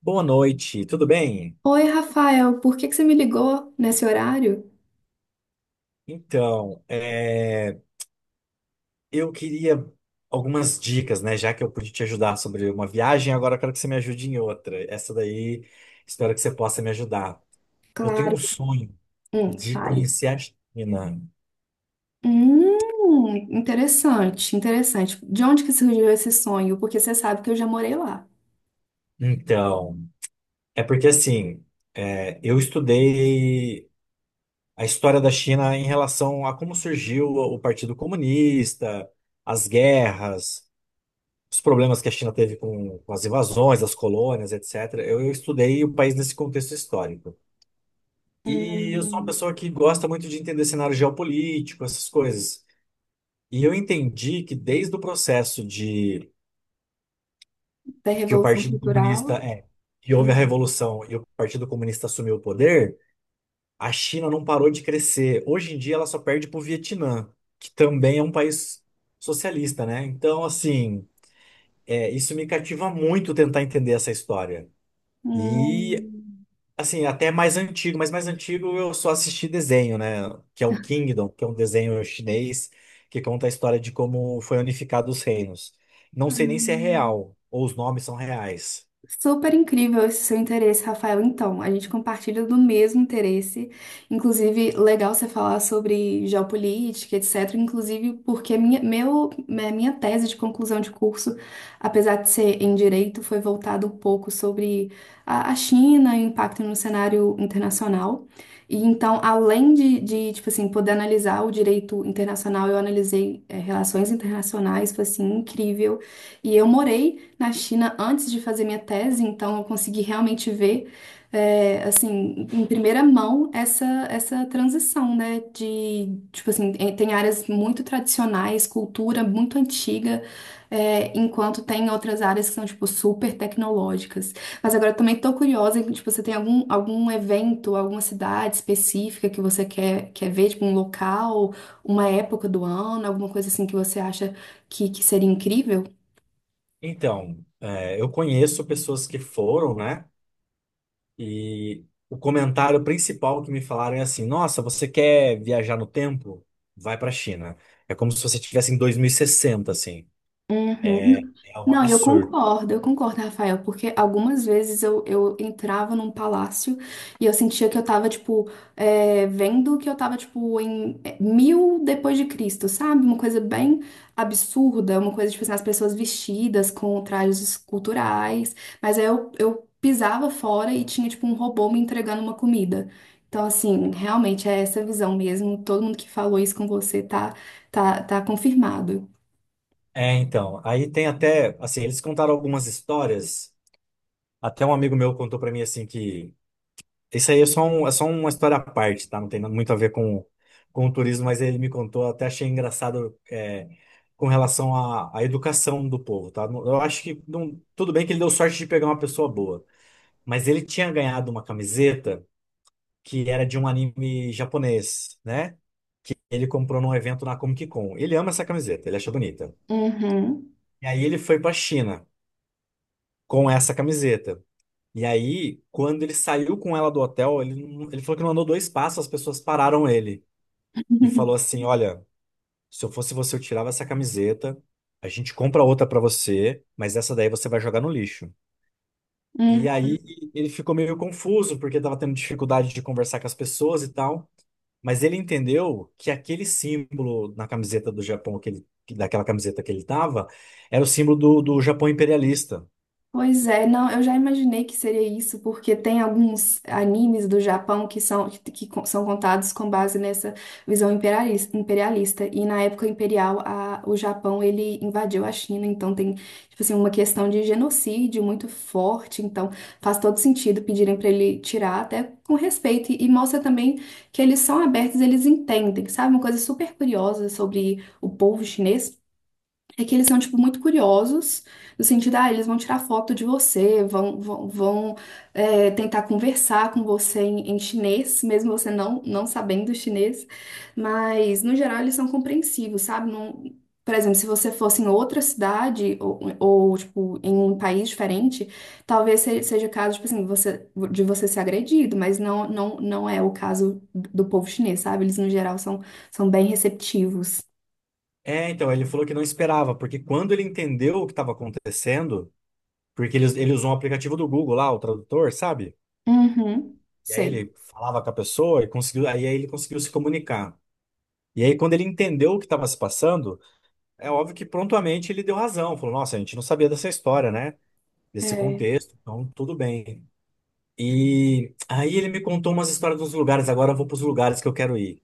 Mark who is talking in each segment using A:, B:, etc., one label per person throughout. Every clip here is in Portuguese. A: Boa noite, tudo bem?
B: Oi, Rafael, por que que você me ligou nesse horário?
A: Então, eu queria algumas dicas, né? Já que eu pude te ajudar sobre uma viagem, agora eu quero que você me ajude em outra. Essa daí, espero que você possa me ajudar. Eu tenho
B: Claro.
A: um sonho de
B: Fale.
A: conhecer a China.
B: Interessante, interessante. De onde que surgiu esse sonho? Porque você sabe que eu já morei lá.
A: Então, é porque assim, eu estudei a história da China em relação a como surgiu o Partido Comunista, as guerras. Os problemas que a China teve com as invasões, as colônias, etc. Eu estudei o país nesse contexto histórico. E eu sou uma
B: Hum,
A: pessoa que gosta muito de entender cenário geopolítico, essas coisas. E eu entendi que desde o processo de
B: da
A: que o
B: Revolução
A: Partido Comunista
B: Cultural?
A: é, que houve a
B: Hum,
A: revolução e o Partido Comunista assumiu o poder, a China não parou de crescer. Hoje em dia ela só perde para o Vietnã, que também é um país socialista, né? Então, assim, isso me cativa muito tentar entender essa história. E
B: hum,
A: assim, até mais antigo, mas mais antigo eu só assisti desenho, né? Que é o Kingdom, que é um desenho chinês que conta a história de como foi unificado os reinos. Não sei nem se é
B: hum.
A: real ou os nomes são reais.
B: Super incrível esse seu interesse, Rafael. Então, a gente compartilha do mesmo interesse. Inclusive, legal você falar sobre geopolítica, etc. Inclusive, porque minha, meu, minha minha tese de conclusão de curso, apesar de ser em direito, foi voltada um pouco sobre a China e o impacto no cenário internacional. E então, além de tipo assim, poder analisar o direito internacional, eu analisei, relações internacionais, foi assim, incrível. E eu morei na China antes de fazer minha tese, então eu consegui realmente ver, é, assim, em primeira mão essa, essa transição, né? De, tipo assim, tem áreas muito tradicionais, cultura muito antiga, é, enquanto tem outras áreas que são, tipo, super tecnológicas. Mas agora eu também tô curiosa, tipo, você tem algum, algum evento, alguma cidade específica que você quer ver, tipo, um local, uma época do ano, alguma coisa assim que você acha que seria incrível?
A: Então, eu conheço pessoas que foram, né? E o comentário principal que me falaram é assim: Nossa, você quer viajar no tempo? Vai para a China. É como se você estivesse em 2060, assim. É,
B: Uhum.
A: é um
B: Não,
A: absurdo.
B: eu concordo, Rafael, porque algumas vezes eu entrava num palácio e eu sentia que eu tava, tipo, é, vendo que eu tava, tipo, em é, 1000 depois de Cristo, sabe? Uma coisa bem absurda, uma coisa, tipo, assim, as pessoas vestidas com trajes culturais, mas aí eu pisava fora e tinha, tipo, um robô me entregando uma comida. Então, assim, realmente é essa visão mesmo, todo mundo que falou isso com você tá confirmado.
A: É, então, aí tem até, assim, eles contaram algumas histórias, até um amigo meu contou pra mim, assim, que isso aí é só, é só uma história à parte, tá? Não tem muito a ver com o turismo, mas ele me contou, até achei engraçado, com relação à educação do povo, tá? Eu acho que, tudo bem que ele deu sorte de pegar uma pessoa boa, mas ele tinha ganhado uma camiseta que era de um anime japonês, né? Ele comprou num evento na Comic Con. Ele ama essa camiseta, ele acha bonita.
B: Uhum.
A: E aí ele foi pra China com essa camiseta. E aí, quando ele saiu com ela do hotel, ele falou que não andou dois passos, as pessoas pararam ele e falou assim: Olha, se eu fosse você, eu tirava essa camiseta, a gente compra outra pra você, mas essa daí você vai jogar no lixo.
B: Uhum.
A: E aí ele ficou meio confuso, porque tava tendo dificuldade de conversar com as pessoas e tal. Mas ele entendeu que aquele símbolo na camiseta do Japão, daquela camiseta que ele tava, era o símbolo do Japão imperialista.
B: Pois é, não, eu já imaginei que seria isso, porque tem alguns animes do Japão que são, que são contados com base nessa visão imperalis- imperialista, e na época imperial, a- o Japão ele invadiu a China, então tem tipo assim, uma questão de genocídio muito forte, então faz todo sentido pedirem para ele tirar, até com respeito, e mostra também que eles são abertos, eles entendem, sabe? Uma coisa super curiosa sobre o povo chinês. É que eles são, tipo, muito curiosos, no sentido, ah, eles vão tirar foto de você, vão é, tentar conversar com você em, em chinês, mesmo você não sabendo chinês, mas, no geral, eles são compreensivos, sabe? Não, por exemplo, se você fosse em outra cidade ou, tipo, em um país diferente, talvez se- seja o caso, tipo assim, você, de você ser agredido, mas não não é o caso do povo chinês, sabe? Eles, no geral, são, são bem receptivos.
A: É, então, ele falou que não esperava, porque quando ele entendeu o que estava acontecendo, porque eles, ele usou um aplicativo do Google lá, o tradutor, sabe?
B: Uhum,
A: E aí
B: sei.
A: ele falava com a pessoa e conseguiu, aí ele conseguiu se comunicar. E aí, quando ele entendeu o que estava se passando, é óbvio que prontamente ele deu razão. Falou, nossa, a gente não sabia dessa história, né? Desse
B: É.
A: contexto, então tudo bem. E aí ele me contou umas histórias dos lugares, agora eu vou para os lugares que eu quero ir.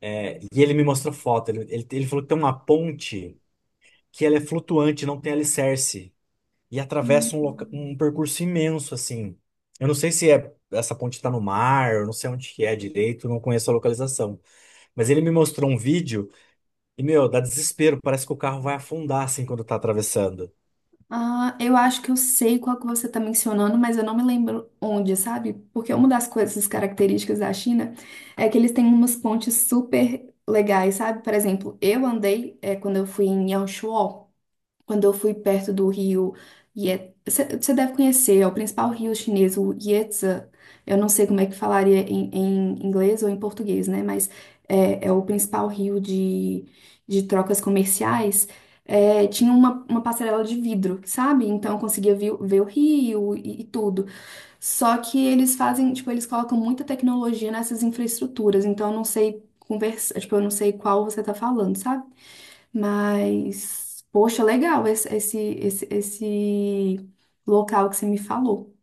A: É, e ele me mostrou foto, ele falou que tem uma ponte que ela é flutuante, não tem alicerce. E atravessa
B: Hum.
A: um percurso imenso, assim. Eu não sei se é essa ponte está no mar, eu não sei onde que é direito, não conheço a localização. Mas ele me mostrou um vídeo e, meu, dá desespero, parece que o carro vai afundar, assim, quando tá atravessando.
B: Ah, eu acho que eu sei qual que você está mencionando, mas eu não me lembro onde, sabe? Porque uma das coisas características da China é que eles têm umas pontes super legais, sabe? Por exemplo, eu andei, é, quando eu fui em Yaoshua. Quando eu fui perto do rio Ye... Você deve conhecer, é o principal rio chinês, o Yangtze. Eu não sei como é que falaria em, em inglês ou em português, né? Mas é, é o principal rio de trocas comerciais. É, tinha uma passarela de vidro, sabe? Então eu conseguia ver, o- ver o rio e tudo. Só que eles fazem, tipo, eles colocam muita tecnologia nessas infraestruturas, então eu não sei conversa, tipo, eu não sei qual você tá falando, sabe? Mas, poxa, legal esse local que você me falou.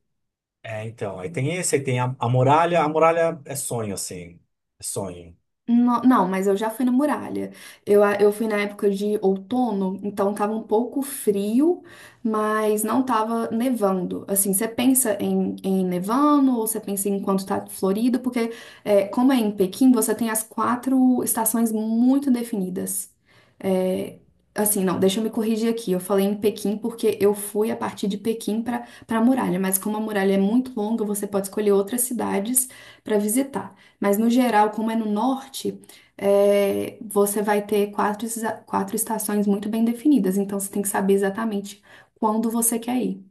A: É, então, aí tem esse, aí tem a muralha, a muralha é sonho, assim, é sonho.
B: No- Não, mas eu já fui na muralha. Eu fui na época de outono, então tava um pouco frio, mas não tava nevando. Assim, você pensa em, em nevando ou você pensa em quando tá florido, porque é, como é em Pequim, você tem as quatro estações muito definidas. É, assim, não, deixa eu me corrigir aqui. Eu falei em Pequim porque eu fui a partir de Pequim para a muralha, mas como a muralha é muito longa, você pode escolher outras cidades para visitar. Mas no geral, como é no norte, é, você vai ter quatro, esa- quatro estações muito bem definidas, então você tem que saber exatamente quando você quer ir.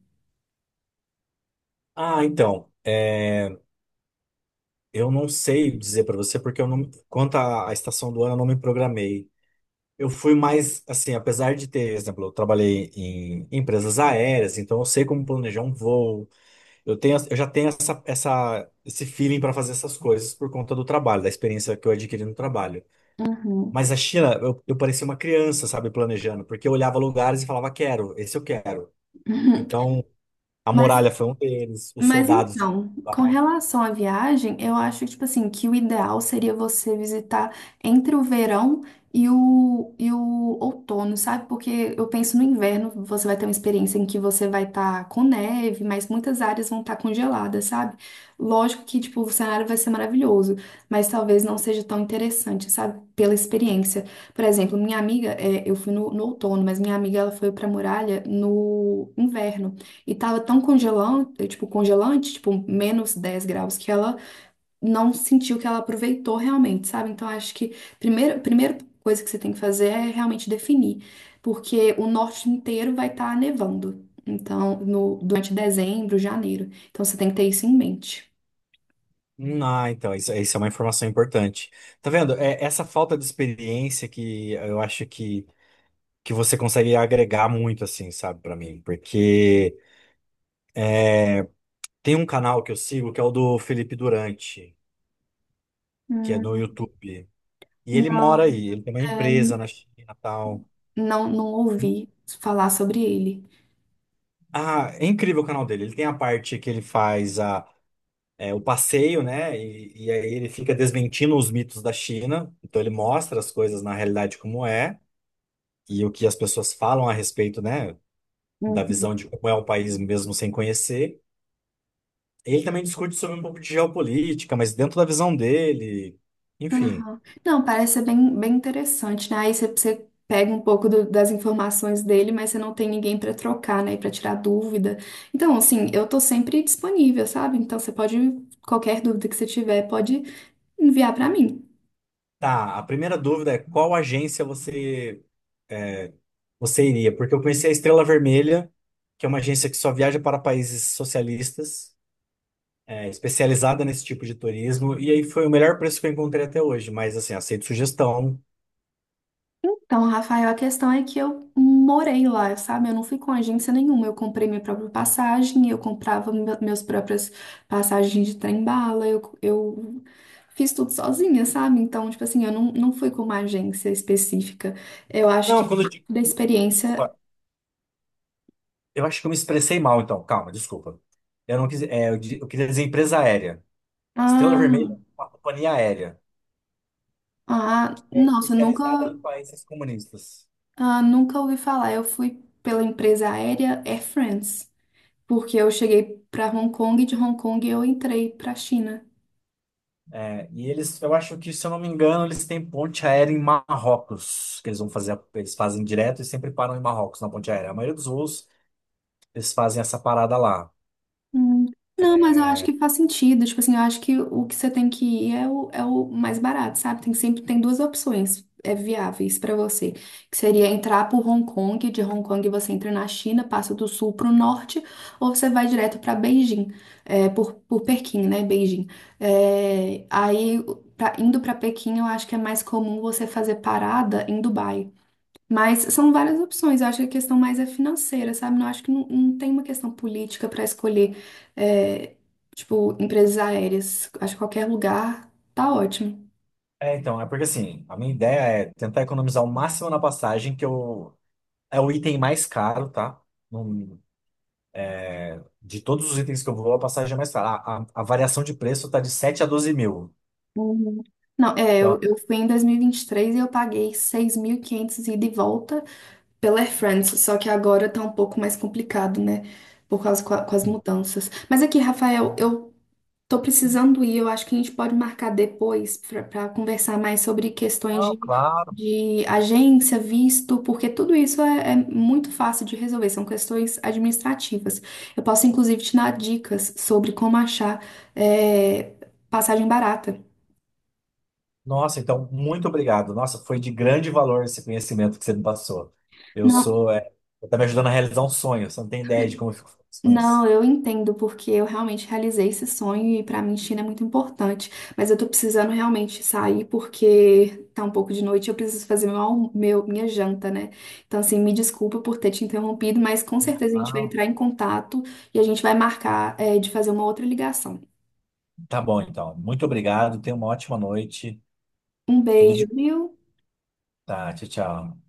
A: Ah, então, eu não sei dizer pra você, porque eu não, quanto à estação do ano, eu não me programei. Eu fui mais, assim, apesar de ter, por exemplo, eu trabalhei em empresas aéreas, então eu sei como planejar um voo. Eu tenho, eu já tenho esse feeling para fazer essas coisas por conta do trabalho, da experiência que eu adquiri no trabalho.
B: Uhum.
A: Mas a China, eu parecia uma criança, sabe, planejando, porque eu olhava lugares e falava, quero, esse eu quero. Então, a
B: Mas
A: muralha foi um deles, os soldados.
B: Então, com relação à viagem, eu acho que, tipo assim, que o ideal seria você visitar entre o verão e o outono, sabe? Porque eu penso no inverno, você vai ter uma experiência em que você vai estar com neve, mas muitas áreas vão estar congeladas, sabe? Lógico que, tipo, o cenário vai ser maravilhoso, mas talvez não seja tão interessante, sabe? Pela experiência. Por exemplo, minha amiga, é, eu fui no outono, mas minha amiga, ela foi pra Muralha no inverno. E tava tão congelante, tipo, -10 graus, que ela não sentiu que ela aproveitou realmente, sabe? Então, acho que primeiro, a primeira coisa que você tem que fazer é realmente definir, porque o norte inteiro vai estar nevando. Então, no, durante dezembro, janeiro. Então, você tem que ter isso em mente.
A: Ah, então, isso é uma informação importante. Tá vendo? É essa falta de experiência que eu acho que você consegue agregar muito, assim, sabe, pra mim. Porque é, tem um canal que eu sigo que é o do Felipe Durante, que é no
B: Hum.
A: YouTube. E ele
B: Não,
A: mora aí, ele tem uma
B: é,
A: empresa na China e tal.
B: não ouvi falar sobre ele.
A: Ah, é incrível o canal dele. Ele tem a parte que ele faz o passeio, né? E aí ele fica desmentindo os mitos da China. Então ele mostra as coisas na realidade como é e o que as pessoas falam a respeito, né? Da
B: Uhum.
A: visão de como é o país mesmo sem conhecer. Ele também discute sobre um pouco de geopolítica, mas dentro da visão dele. Enfim.
B: Aham. Não, parece ser bem interessante, né? Aí você pega um pouco do- das informações dele, mas você não tem ninguém para trocar, né? Para tirar dúvida. Então, assim, eu tô sempre disponível, sabe? Então, você pode, qualquer dúvida que você tiver, pode enviar para mim.
A: Tá, a primeira dúvida é qual agência é, você iria? Porque eu conheci a Estrela Vermelha, que é uma agência que só viaja para países socialistas, especializada nesse tipo de turismo, e aí foi o melhor preço que eu encontrei até hoje, mas assim, aceito sugestão.
B: Então, Rafael, a questão é que eu morei lá, sabe? Eu não fui com agência nenhuma. Eu comprei minha própria passagem, eu comprava me- meus próprias passagens de trem-bala, eu fiz tudo sozinha, sabe? Então, tipo assim, eu não fui com uma agência específica. Eu acho que
A: Não, quando eu digo,
B: da experiência.
A: desculpa, eu acho que eu me expressei mal então, calma, desculpa. Eu não quis, eu queria dizer empresa aérea. Estrela
B: Ah,
A: Vermelha é uma companhia aérea.
B: ah,
A: É
B: nossa, eu nunca,
A: especializada em países comunistas.
B: ah, nunca ouvi falar. Eu fui pela empresa aérea Air France, porque eu cheguei para Hong Kong e de Hong Kong eu entrei para China.
A: É, e eles, eu acho que, se eu não me engano, eles têm ponte aérea em Marrocos, que eles vão fazer, eles fazem direto e sempre param em Marrocos na ponte aérea. A maioria dos voos, eles fazem essa parada lá.
B: Hum. Não, mas eu acho que faz sentido. Tipo assim, eu acho que o que você tem que ir é o, é o mais barato, sabe? Tem sempre tem duas opções é, viáveis pra você, que seria entrar por Hong Kong, de Hong Kong você entra na China, passa do sul pro norte, ou você vai direto pra Beijing, é, por Pequim, né? Beijing. É, aí, pra- indo pra Pequim, eu acho que é mais comum você fazer parada em Dubai. Mas são várias opções. Eu acho que a questão mais é financeira, sabe? Não acho que não tem uma questão política para escolher, é, tipo, empresas aéreas. Acho que qualquer lugar tá ótimo.
A: É, então, é porque assim, a minha ideia é tentar economizar o máximo na passagem, que eu, é o item mais caro, tá? Num- de todos os itens que eu vou, a passagem é mais cara. A variação de preço tá de 7 a 12 mil.
B: Uhum. Não, é,
A: Então,
B: eu fui em dois mil e vinte e três e eu paguei 6.500 ida e volta pela Air France, só que agora tá um pouco mais complicado, né? Por causa co- com, as mudanças. Mas aqui, Rafael, eu tô precisando ir, eu acho que a gente pode marcar depois para conversar mais sobre questões
A: não, claro.
B: de agência, visto, porque tudo isso é muito fácil de resolver, são questões administrativas. Eu posso, inclusive, te dar dicas sobre como achar, é, passagem barata.
A: Nossa, então, muito obrigado. Nossa, foi de grande valor esse conhecimento que você me passou. Eu
B: Não,
A: sou, é, Você tá me ajudando a realizar um sonho. Você não tem ideia de como eu fico feliz com
B: Não,
A: isso.
B: eu entendo, porque eu realmente realizei esse sonho e pra mim China é muito importante. Mas eu tô precisando realmente sair porque tá um pouco de noite, e eu preciso fazer minha janta, né? Então, assim, me desculpa por ter te interrompido, mas com certeza a gente vai
A: Ah,
B: entrar em contato e a gente vai marcar, de fazer uma outra ligação.
A: tá bom, então. Muito obrigado. Tenha uma ótima noite.
B: Um
A: Tudo
B: beijo,
A: de...
B: viu?
A: Tá, tchau, tchau.